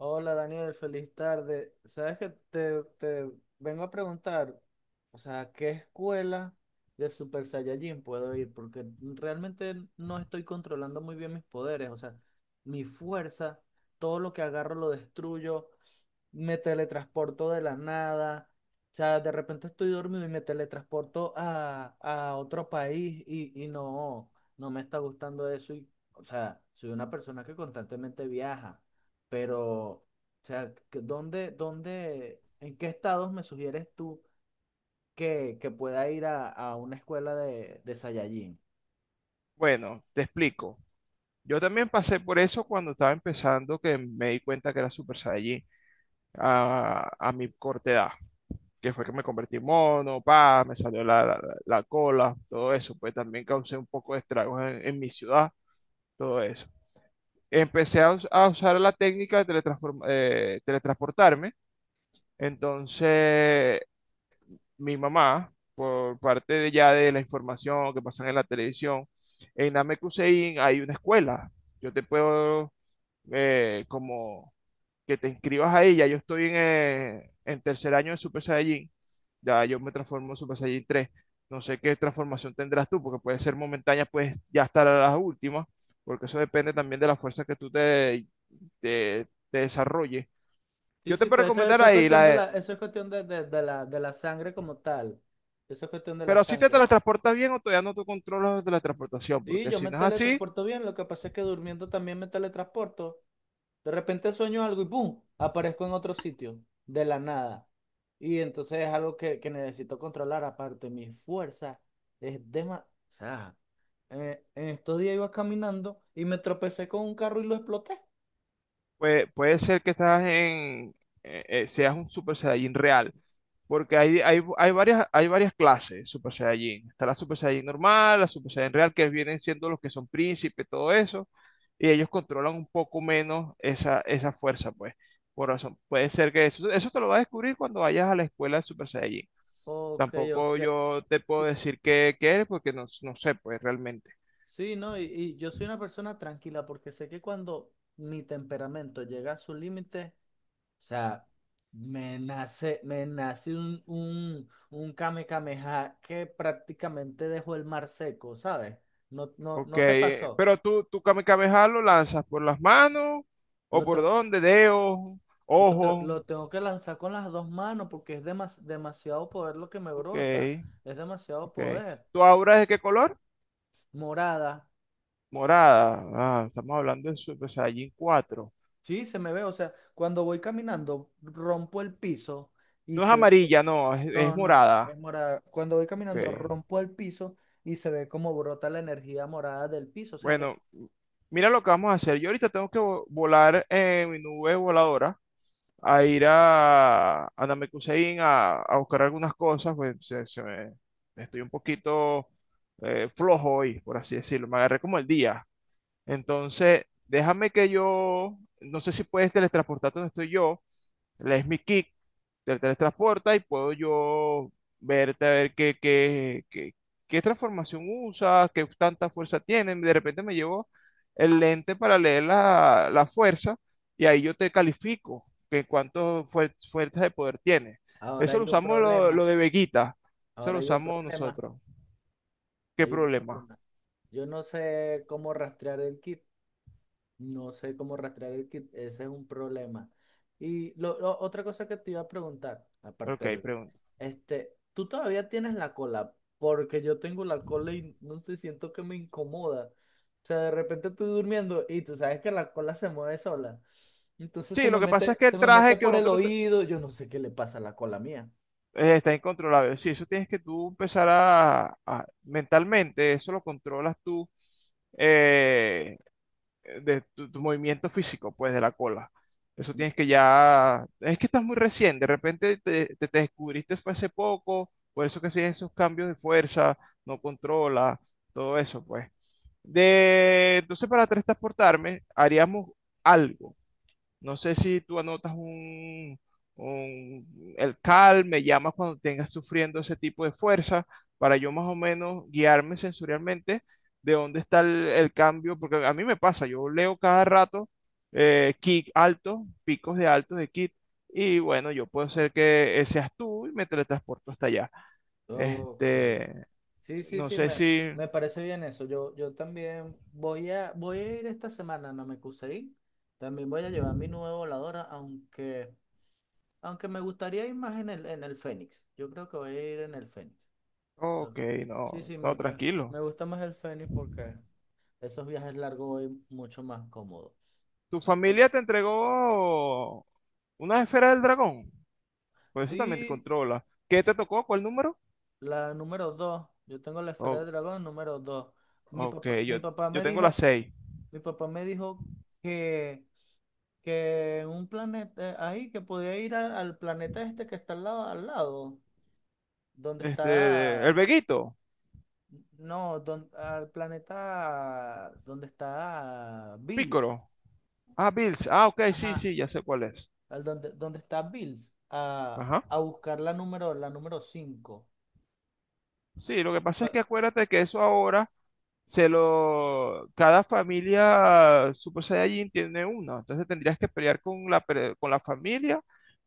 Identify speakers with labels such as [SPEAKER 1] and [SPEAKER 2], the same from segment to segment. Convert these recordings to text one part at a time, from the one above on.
[SPEAKER 1] Hola Daniel, feliz tarde. Sabes que te vengo a preguntar, o sea, qué escuela de Super Saiyajin puedo ir? Porque realmente no estoy controlando muy bien mis poderes, o sea, mi fuerza, todo lo que agarro lo destruyo, me teletransporto de la nada, o sea, de repente estoy dormido y me teletransporto a otro país y no, me está gustando eso y, o sea, soy una persona que constantemente viaja. Pero, o sea, en qué estados me sugieres tú que pueda ir a una escuela de Saiyajin?
[SPEAKER 2] Bueno, te explico. Yo también pasé por eso cuando estaba empezando, que me di cuenta que era Super Saiyajin a mi corta edad, que fue que me convertí en mono, pa, me salió la cola, todo eso. Pues también causé un poco de estragos en mi ciudad, todo eso. Empecé a usar la técnica de teletransportarme. Entonces mi mamá, por parte de ya de la información que pasan en la televisión, en Namekusein hay una escuela. Yo te puedo, como que te inscribas ahí. Ya yo estoy en tercer año de Super Saiyajin, ya yo me transformo en Super Saiyajin tres. No sé qué transformación tendrás tú, porque puede ser momentánea, puedes ya estar a las últimas, porque eso depende también de la fuerza que tú te desarrolles.
[SPEAKER 1] Sí,
[SPEAKER 2] Yo te
[SPEAKER 1] sí,
[SPEAKER 2] puedo
[SPEAKER 1] eso,
[SPEAKER 2] recomendar
[SPEAKER 1] eso es
[SPEAKER 2] ahí
[SPEAKER 1] cuestión de la,
[SPEAKER 2] la.
[SPEAKER 1] eso es cuestión de la sangre como tal. Eso es cuestión de la
[SPEAKER 2] Pero si te
[SPEAKER 1] sangre.
[SPEAKER 2] teletransportas bien o todavía no tú controlas la teletransportación,
[SPEAKER 1] Sí,
[SPEAKER 2] porque
[SPEAKER 1] yo
[SPEAKER 2] si
[SPEAKER 1] me
[SPEAKER 2] no es así,
[SPEAKER 1] teletransporto bien, lo que pasa es que durmiendo también me teletransporto. De repente sueño algo y ¡pum!, aparezco en otro sitio, de la nada. Y entonces es algo que necesito controlar. Aparte, mi fuerza es demasiado. En estos días iba caminando y me tropecé con un carro y lo exploté.
[SPEAKER 2] pues puede ser que seas un Super Saiyajin real, porque hay varias clases de Super Saiyajin. Está la Super Saiyajin normal, la Super Saiyajin real, que vienen siendo los que son príncipes, todo eso, y ellos controlan un poco menos esa fuerza, pues. Por razón, puede ser que eso te lo vas a descubrir cuando vayas a la escuela de Super Saiyajin.
[SPEAKER 1] Ok,
[SPEAKER 2] Tampoco
[SPEAKER 1] ok.
[SPEAKER 2] yo te puedo
[SPEAKER 1] Sí,
[SPEAKER 2] decir qué eres, porque no sé, pues realmente.
[SPEAKER 1] sí, no, y yo soy una persona tranquila porque sé que cuando mi temperamento llega a su límite, o sea, me nace un kame kameha que prácticamente dejó el mar seco, ¿sabes? No, no,
[SPEAKER 2] Ok,
[SPEAKER 1] no te pasó.
[SPEAKER 2] pero tú Kame Kame Ha lo lanzas por las manos o
[SPEAKER 1] Lo, te-
[SPEAKER 2] por dónde, dedos, ojos.
[SPEAKER 1] lo tengo que lanzar con las dos manos porque es demasiado poder lo que me
[SPEAKER 2] Ok,
[SPEAKER 1] brota. Es demasiado
[SPEAKER 2] ok.
[SPEAKER 1] poder.
[SPEAKER 2] ¿Tu aura es de qué color?
[SPEAKER 1] Morada.
[SPEAKER 2] Morada. Ah, estamos hablando de Super Saiyajin cuatro.
[SPEAKER 1] Sí, se me ve, o sea, cuando voy caminando, rompo el piso y
[SPEAKER 2] No es
[SPEAKER 1] se ve,
[SPEAKER 2] amarilla, no, es
[SPEAKER 1] no, no,
[SPEAKER 2] morada.
[SPEAKER 1] es morada. Cuando voy
[SPEAKER 2] Ok,
[SPEAKER 1] caminando, rompo el piso y se ve como brota la energía morada del piso, o sea,
[SPEAKER 2] bueno, mira lo que vamos a hacer. Yo ahorita tengo que volar en mi nube voladora a ir a Namekusein a buscar algunas cosas, pues estoy un poquito flojo hoy, por así decirlo. Me agarré como el día. Entonces, déjame que yo, no sé si puedes teletransportarte donde estoy yo. Le es mi kick, te teletransporta y puedo yo verte a ver qué transformación usa, qué tanta fuerza tiene. De repente me llevo el lente para leer la fuerza y ahí yo te califico que cuánto fuerza de poder tiene.
[SPEAKER 1] ahora
[SPEAKER 2] Eso
[SPEAKER 1] hay
[SPEAKER 2] lo
[SPEAKER 1] un
[SPEAKER 2] usamos lo,
[SPEAKER 1] problema,
[SPEAKER 2] lo de Veguita, eso
[SPEAKER 1] ahora
[SPEAKER 2] lo
[SPEAKER 1] hay un
[SPEAKER 2] usamos
[SPEAKER 1] problema,
[SPEAKER 2] nosotros. ¿Qué
[SPEAKER 1] hay un
[SPEAKER 2] problema?
[SPEAKER 1] problema. Yo no sé cómo rastrear el kit, no sé cómo rastrear el kit, ese es un problema. Y otra cosa que te iba a preguntar,
[SPEAKER 2] Ok,
[SPEAKER 1] aparte,
[SPEAKER 2] pregunta.
[SPEAKER 1] este, tú todavía tienes la cola, porque yo tengo la cola y no sé, siento que me incomoda. O sea, de repente estoy durmiendo y tú sabes que la cola se mueve sola. Entonces
[SPEAKER 2] Sí, lo que pasa es que
[SPEAKER 1] se
[SPEAKER 2] el
[SPEAKER 1] me mete
[SPEAKER 2] traje que
[SPEAKER 1] por el
[SPEAKER 2] nosotros,
[SPEAKER 1] oído, yo no sé qué le pasa a la cola mía.
[SPEAKER 2] está incontrolable. Sí, eso tienes que tú empezar mentalmente, eso lo controlas tú, eh, de tu movimiento físico, pues, de la cola. Eso tienes que ya, es que estás muy recién, de repente te descubriste fue hace poco, por eso que siguen esos cambios de fuerza, no controla, todo eso, pues. De, entonces para transportarme haríamos algo. No sé si tú anotas el CAL, me llamas cuando tengas sufriendo ese tipo de fuerza, para yo más o menos guiarme sensorialmente de dónde está el cambio, porque a mí me pasa, yo leo cada rato, kick alto, picos de altos de kick, y bueno, yo puedo ser que seas tú y me teletransporto hasta allá.
[SPEAKER 1] Ok.
[SPEAKER 2] Este,
[SPEAKER 1] Sí, sí,
[SPEAKER 2] no
[SPEAKER 1] sí,
[SPEAKER 2] sé si...
[SPEAKER 1] me parece bien eso. Yo también voy voy a ir esta semana a Namekusei. También voy a llevar mi nueva voladora, aunque, aunque me gustaría ir más en el Fénix. Yo creo que voy a ir en el Fénix. Yo-
[SPEAKER 2] Ok,
[SPEAKER 1] sí,
[SPEAKER 2] no,
[SPEAKER 1] sí,
[SPEAKER 2] no, tranquilo.
[SPEAKER 1] me gusta más el Fénix porque esos viajes largos voy mucho más cómodo.
[SPEAKER 2] ¿Tu
[SPEAKER 1] O-
[SPEAKER 2] familia te entregó una esfera del dragón? Pues eso también te
[SPEAKER 1] Sí,
[SPEAKER 2] controla. ¿Qué te tocó? ¿Cuál número?
[SPEAKER 1] la número dos. Yo tengo la esfera de
[SPEAKER 2] Oh,
[SPEAKER 1] dragón número 2.
[SPEAKER 2] ok,
[SPEAKER 1] Mi
[SPEAKER 2] yo,
[SPEAKER 1] papá
[SPEAKER 2] yo
[SPEAKER 1] me
[SPEAKER 2] tengo las
[SPEAKER 1] dijo,
[SPEAKER 2] seis.
[SPEAKER 1] mi papá me dijo que, que en un planeta, ahí, que podía ir al planeta este que está al lado, donde
[SPEAKER 2] Este, el
[SPEAKER 1] está,
[SPEAKER 2] Veguito,
[SPEAKER 1] no, al planeta donde está Bills.
[SPEAKER 2] Pícoro. Ah, Bills. Ah, ok, sí,
[SPEAKER 1] Ajá,
[SPEAKER 2] sí, ya sé cuál es.
[SPEAKER 1] al donde, donde está Bills,
[SPEAKER 2] Ajá.
[SPEAKER 1] a buscar la la número 5.
[SPEAKER 2] Sí, lo que pasa es que acuérdate que eso ahora se lo. Cada familia Super Saiyajin tiene uno. Entonces tendrías que pelear con la, con la familia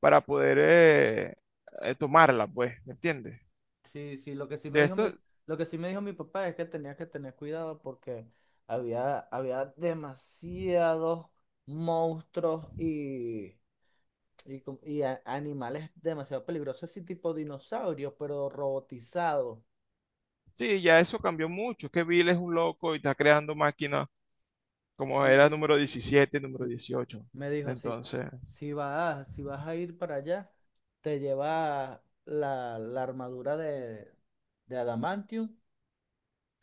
[SPEAKER 2] para poder tomarla, pues, ¿me entiendes?
[SPEAKER 1] Sí, sí,
[SPEAKER 2] De esto,
[SPEAKER 1] lo que sí me dijo mi papá es que tenía que tener cuidado porque había demasiados monstruos y, animales demasiado peligrosos, así tipo dinosaurios, pero robotizados.
[SPEAKER 2] sí, ya eso cambió mucho. Es que Bill es un loco y está creando máquinas como
[SPEAKER 1] Sí,
[SPEAKER 2] era número
[SPEAKER 1] sí.
[SPEAKER 2] 17, número
[SPEAKER 1] M-
[SPEAKER 2] 18.
[SPEAKER 1] Me dijo, si,
[SPEAKER 2] Entonces,
[SPEAKER 1] si vas a ir para allá, te llevas la armadura de Adamantium,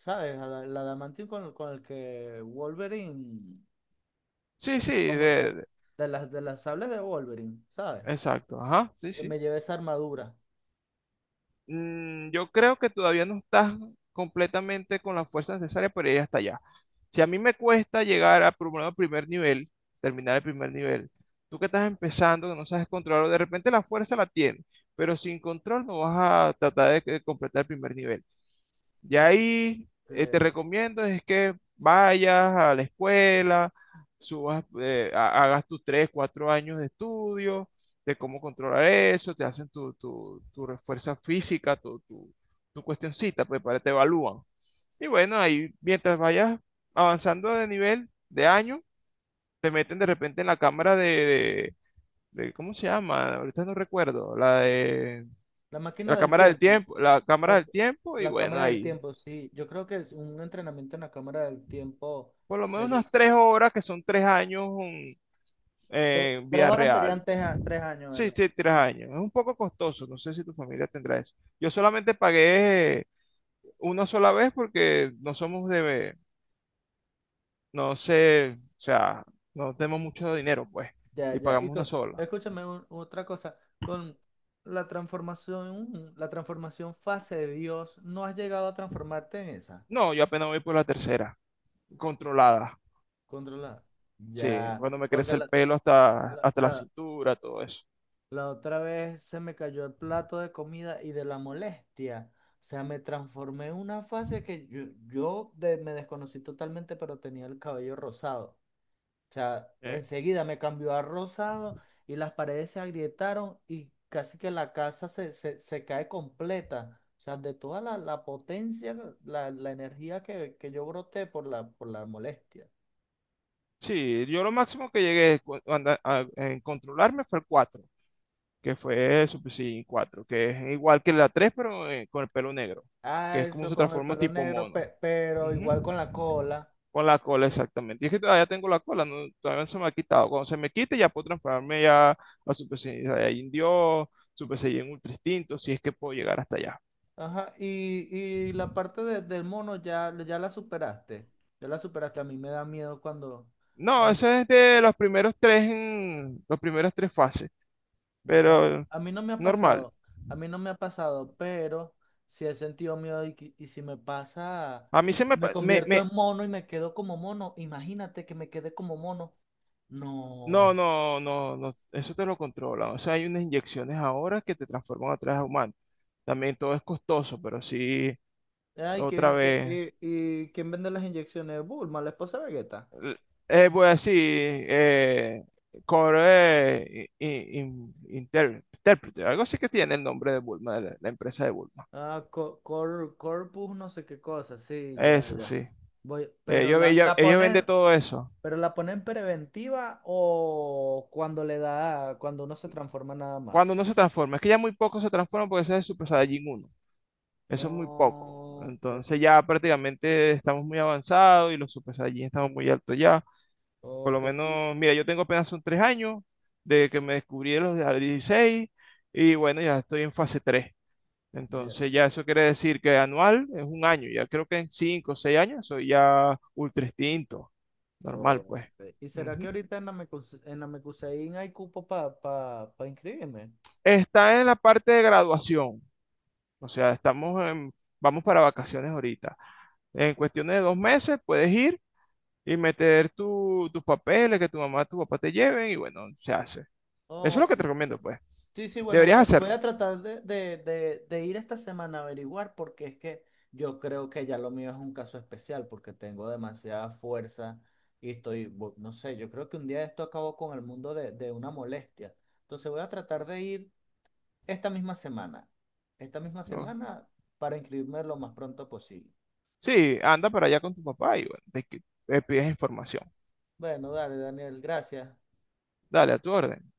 [SPEAKER 1] ¿sabes? Adamantium con el que Wolverine.
[SPEAKER 2] sí, sí,
[SPEAKER 1] Como
[SPEAKER 2] de-
[SPEAKER 1] de las sables de Wolverine, ¿sabes?
[SPEAKER 2] exacto, ajá, sí,
[SPEAKER 1] Que
[SPEAKER 2] sí.
[SPEAKER 1] me llevé esa armadura,
[SPEAKER 2] Mm, yo creo que todavía no estás completamente con la fuerza necesaria para ir hasta allá. Si a mí me cuesta llegar a por lo menos, al primer nivel, terminar el primer nivel, tú que estás empezando, que no sabes controlar, de repente la fuerza la tienes, pero sin control no vas a tratar de completar el primer nivel. Y
[SPEAKER 1] ¿no?
[SPEAKER 2] ahí, te
[SPEAKER 1] Que-
[SPEAKER 2] recomiendo es que vayas a la escuela, subas, hagas tus tres, cuatro años de estudio, de cómo controlar eso, te hacen tu refuerza física, tu cuestioncita, pues para te evalúan. Y bueno, ahí mientras vayas avanzando de nivel, de año, te meten de repente en la cámara de, ¿cómo se llama? Ahorita no recuerdo, la de
[SPEAKER 1] la
[SPEAKER 2] la
[SPEAKER 1] máquina del
[SPEAKER 2] cámara del
[SPEAKER 1] tiempo,
[SPEAKER 2] tiempo, la cámara
[SPEAKER 1] la,
[SPEAKER 2] del tiempo, y
[SPEAKER 1] la
[SPEAKER 2] bueno,
[SPEAKER 1] cámara del
[SPEAKER 2] ahí.
[SPEAKER 1] tiempo, sí. Yo creo que es un entrenamiento en la cámara del tiempo,
[SPEAKER 2] Por lo menos
[SPEAKER 1] sería
[SPEAKER 2] unas 3 horas, que son 3 años, en
[SPEAKER 1] tres
[SPEAKER 2] vía
[SPEAKER 1] horas,
[SPEAKER 2] real.
[SPEAKER 1] serían tres, tres años,
[SPEAKER 2] Sí,
[SPEAKER 1] ¿verdad?
[SPEAKER 2] sí, 3 años. Es un poco costoso, no sé si tu familia tendrá eso. Yo solamente pagué una sola vez porque no somos de, no sé, o sea, no tenemos mucho dinero, pues,
[SPEAKER 1] Ya,
[SPEAKER 2] y
[SPEAKER 1] ya.
[SPEAKER 2] pagamos una sola.
[SPEAKER 1] Escúchame otra cosa, con la transformación fase de Dios, ¿no has llegado a transformarte en esa?
[SPEAKER 2] No, yo apenas voy por la tercera, controlada.
[SPEAKER 1] Controla.
[SPEAKER 2] Sí,
[SPEAKER 1] Ya,
[SPEAKER 2] cuando me
[SPEAKER 1] porque
[SPEAKER 2] crece el pelo hasta,
[SPEAKER 1] la,
[SPEAKER 2] hasta la
[SPEAKER 1] la-
[SPEAKER 2] cintura, todo eso.
[SPEAKER 1] la otra vez se me cayó el plato de comida y de la molestia. O sea, me transformé en una fase que yo me desconocí totalmente, pero tenía el cabello rosado. O sea,
[SPEAKER 2] Eh,
[SPEAKER 1] enseguida me cambió a rosado y las paredes se agrietaron y casi que la casa se cae completa. O sea, de toda la potencia, la energía que yo broté por la molestia.
[SPEAKER 2] sí, yo lo máximo que llegué en controlarme fue el cuatro, que fue Super Saiyan 4, que es igual que la 3, pero con el pelo negro, que
[SPEAKER 1] Ah,
[SPEAKER 2] es como
[SPEAKER 1] eso
[SPEAKER 2] se
[SPEAKER 1] con el
[SPEAKER 2] transforma
[SPEAKER 1] pelo
[SPEAKER 2] tipo
[SPEAKER 1] negro,
[SPEAKER 2] mono.
[SPEAKER 1] pero igual
[SPEAKER 2] Ujú.
[SPEAKER 1] con la cola.
[SPEAKER 2] Con la cola, exactamente. Y es que todavía tengo la cola, no, todavía no se me ha quitado. Cuando se me quite, ya puedo transformarme ya a Super Saiyan Dios, Super Saiyan Ultra Instinto, si es que puedo llegar hasta allá.
[SPEAKER 1] Ajá, y la parte del mono ya, ya la superaste. Ya la superaste. A mí me da miedo cuando,
[SPEAKER 2] No,
[SPEAKER 1] cuando
[SPEAKER 2] eso es de los primeros tres, los primeros tres fases,
[SPEAKER 1] ya-
[SPEAKER 2] pero
[SPEAKER 1] a mí no me ha
[SPEAKER 2] normal.
[SPEAKER 1] pasado. A mí no me ha pasado, pero sí he sentido miedo y, y si me pasa,
[SPEAKER 2] A mí se me,
[SPEAKER 1] me
[SPEAKER 2] pa- me,
[SPEAKER 1] convierto
[SPEAKER 2] me-
[SPEAKER 1] en mono y me quedo como mono. Imagínate que me quede como mono.
[SPEAKER 2] No,
[SPEAKER 1] No.
[SPEAKER 2] no, no, no, eso te lo controlan. O sea, hay unas inyecciones ahora que te transforman atrás a humano. También todo es costoso, pero sí,
[SPEAKER 1] Ay,
[SPEAKER 2] otra vez.
[SPEAKER 1] y ¿quién vende las inyecciones? Bulma, la esposa de Vegeta.
[SPEAKER 2] l- voy a decir, Core, Interpreter, algo así que tiene el nombre de Bulma, la empresa de Bulma.
[SPEAKER 1] Ah, corpus, no sé qué cosa, sí, ya,
[SPEAKER 2] Eso
[SPEAKER 1] ya.
[SPEAKER 2] sí.
[SPEAKER 1] Voy, pero
[SPEAKER 2] Ellos, ellos,
[SPEAKER 1] la
[SPEAKER 2] ellos venden
[SPEAKER 1] ponen,
[SPEAKER 2] todo eso.
[SPEAKER 1] pero la ponen preventiva o cuando le da, cuando uno se transforma nada más.
[SPEAKER 2] Cuando no se transforma, es que ya muy pocos se transforman porque ese es el Super Saiyajin uno. Eso es muy poco.
[SPEAKER 1] No, ok,
[SPEAKER 2] Entonces ya prácticamente estamos muy avanzados y los Super Saiyajin estamos muy altos ya. Por lo
[SPEAKER 1] ok, y-
[SPEAKER 2] menos, mira, yo tengo apenas son 3 años de que me descubrí de los de a los 16 y bueno, ya estoy en fase tres.
[SPEAKER 1] ya.
[SPEAKER 2] Entonces ya eso quiere decir que anual es un año. Ya creo que en cinco o seis años soy ya ultra instinto. Normal, pues.
[SPEAKER 1] Ok. ¿Y será que
[SPEAKER 2] Ujú.
[SPEAKER 1] ahorita en la en la Mecuseín hay cupo para pa, pa pa inscribirme?
[SPEAKER 2] Está en la parte de graduación. O sea, estamos vamos para vacaciones ahorita. En cuestiones de 2 meses puedes ir y meter tus papeles, que tu mamá, tu papá te lleven y bueno, se hace. Eso es lo
[SPEAKER 1] Ok,
[SPEAKER 2] que te recomiendo, pues.
[SPEAKER 1] sí, sí, bueno, voy
[SPEAKER 2] Deberías
[SPEAKER 1] a, voy
[SPEAKER 2] hacerlo.
[SPEAKER 1] a tratar de ir esta semana a averiguar porque es que yo creo que ya lo mío es un caso especial porque tengo demasiada fuerza y estoy, no sé, yo creo que un día esto acabó con el mundo de una molestia. Entonces voy a tratar de ir esta misma semana, esta misma
[SPEAKER 2] ¿No?
[SPEAKER 1] semana, para inscribirme lo más pronto posible.
[SPEAKER 2] Sí, anda para allá con tu papá y bueno, te, le pides información.
[SPEAKER 1] Bueno, dale, Daniel, gracias.
[SPEAKER 2] Dale, a tu orden.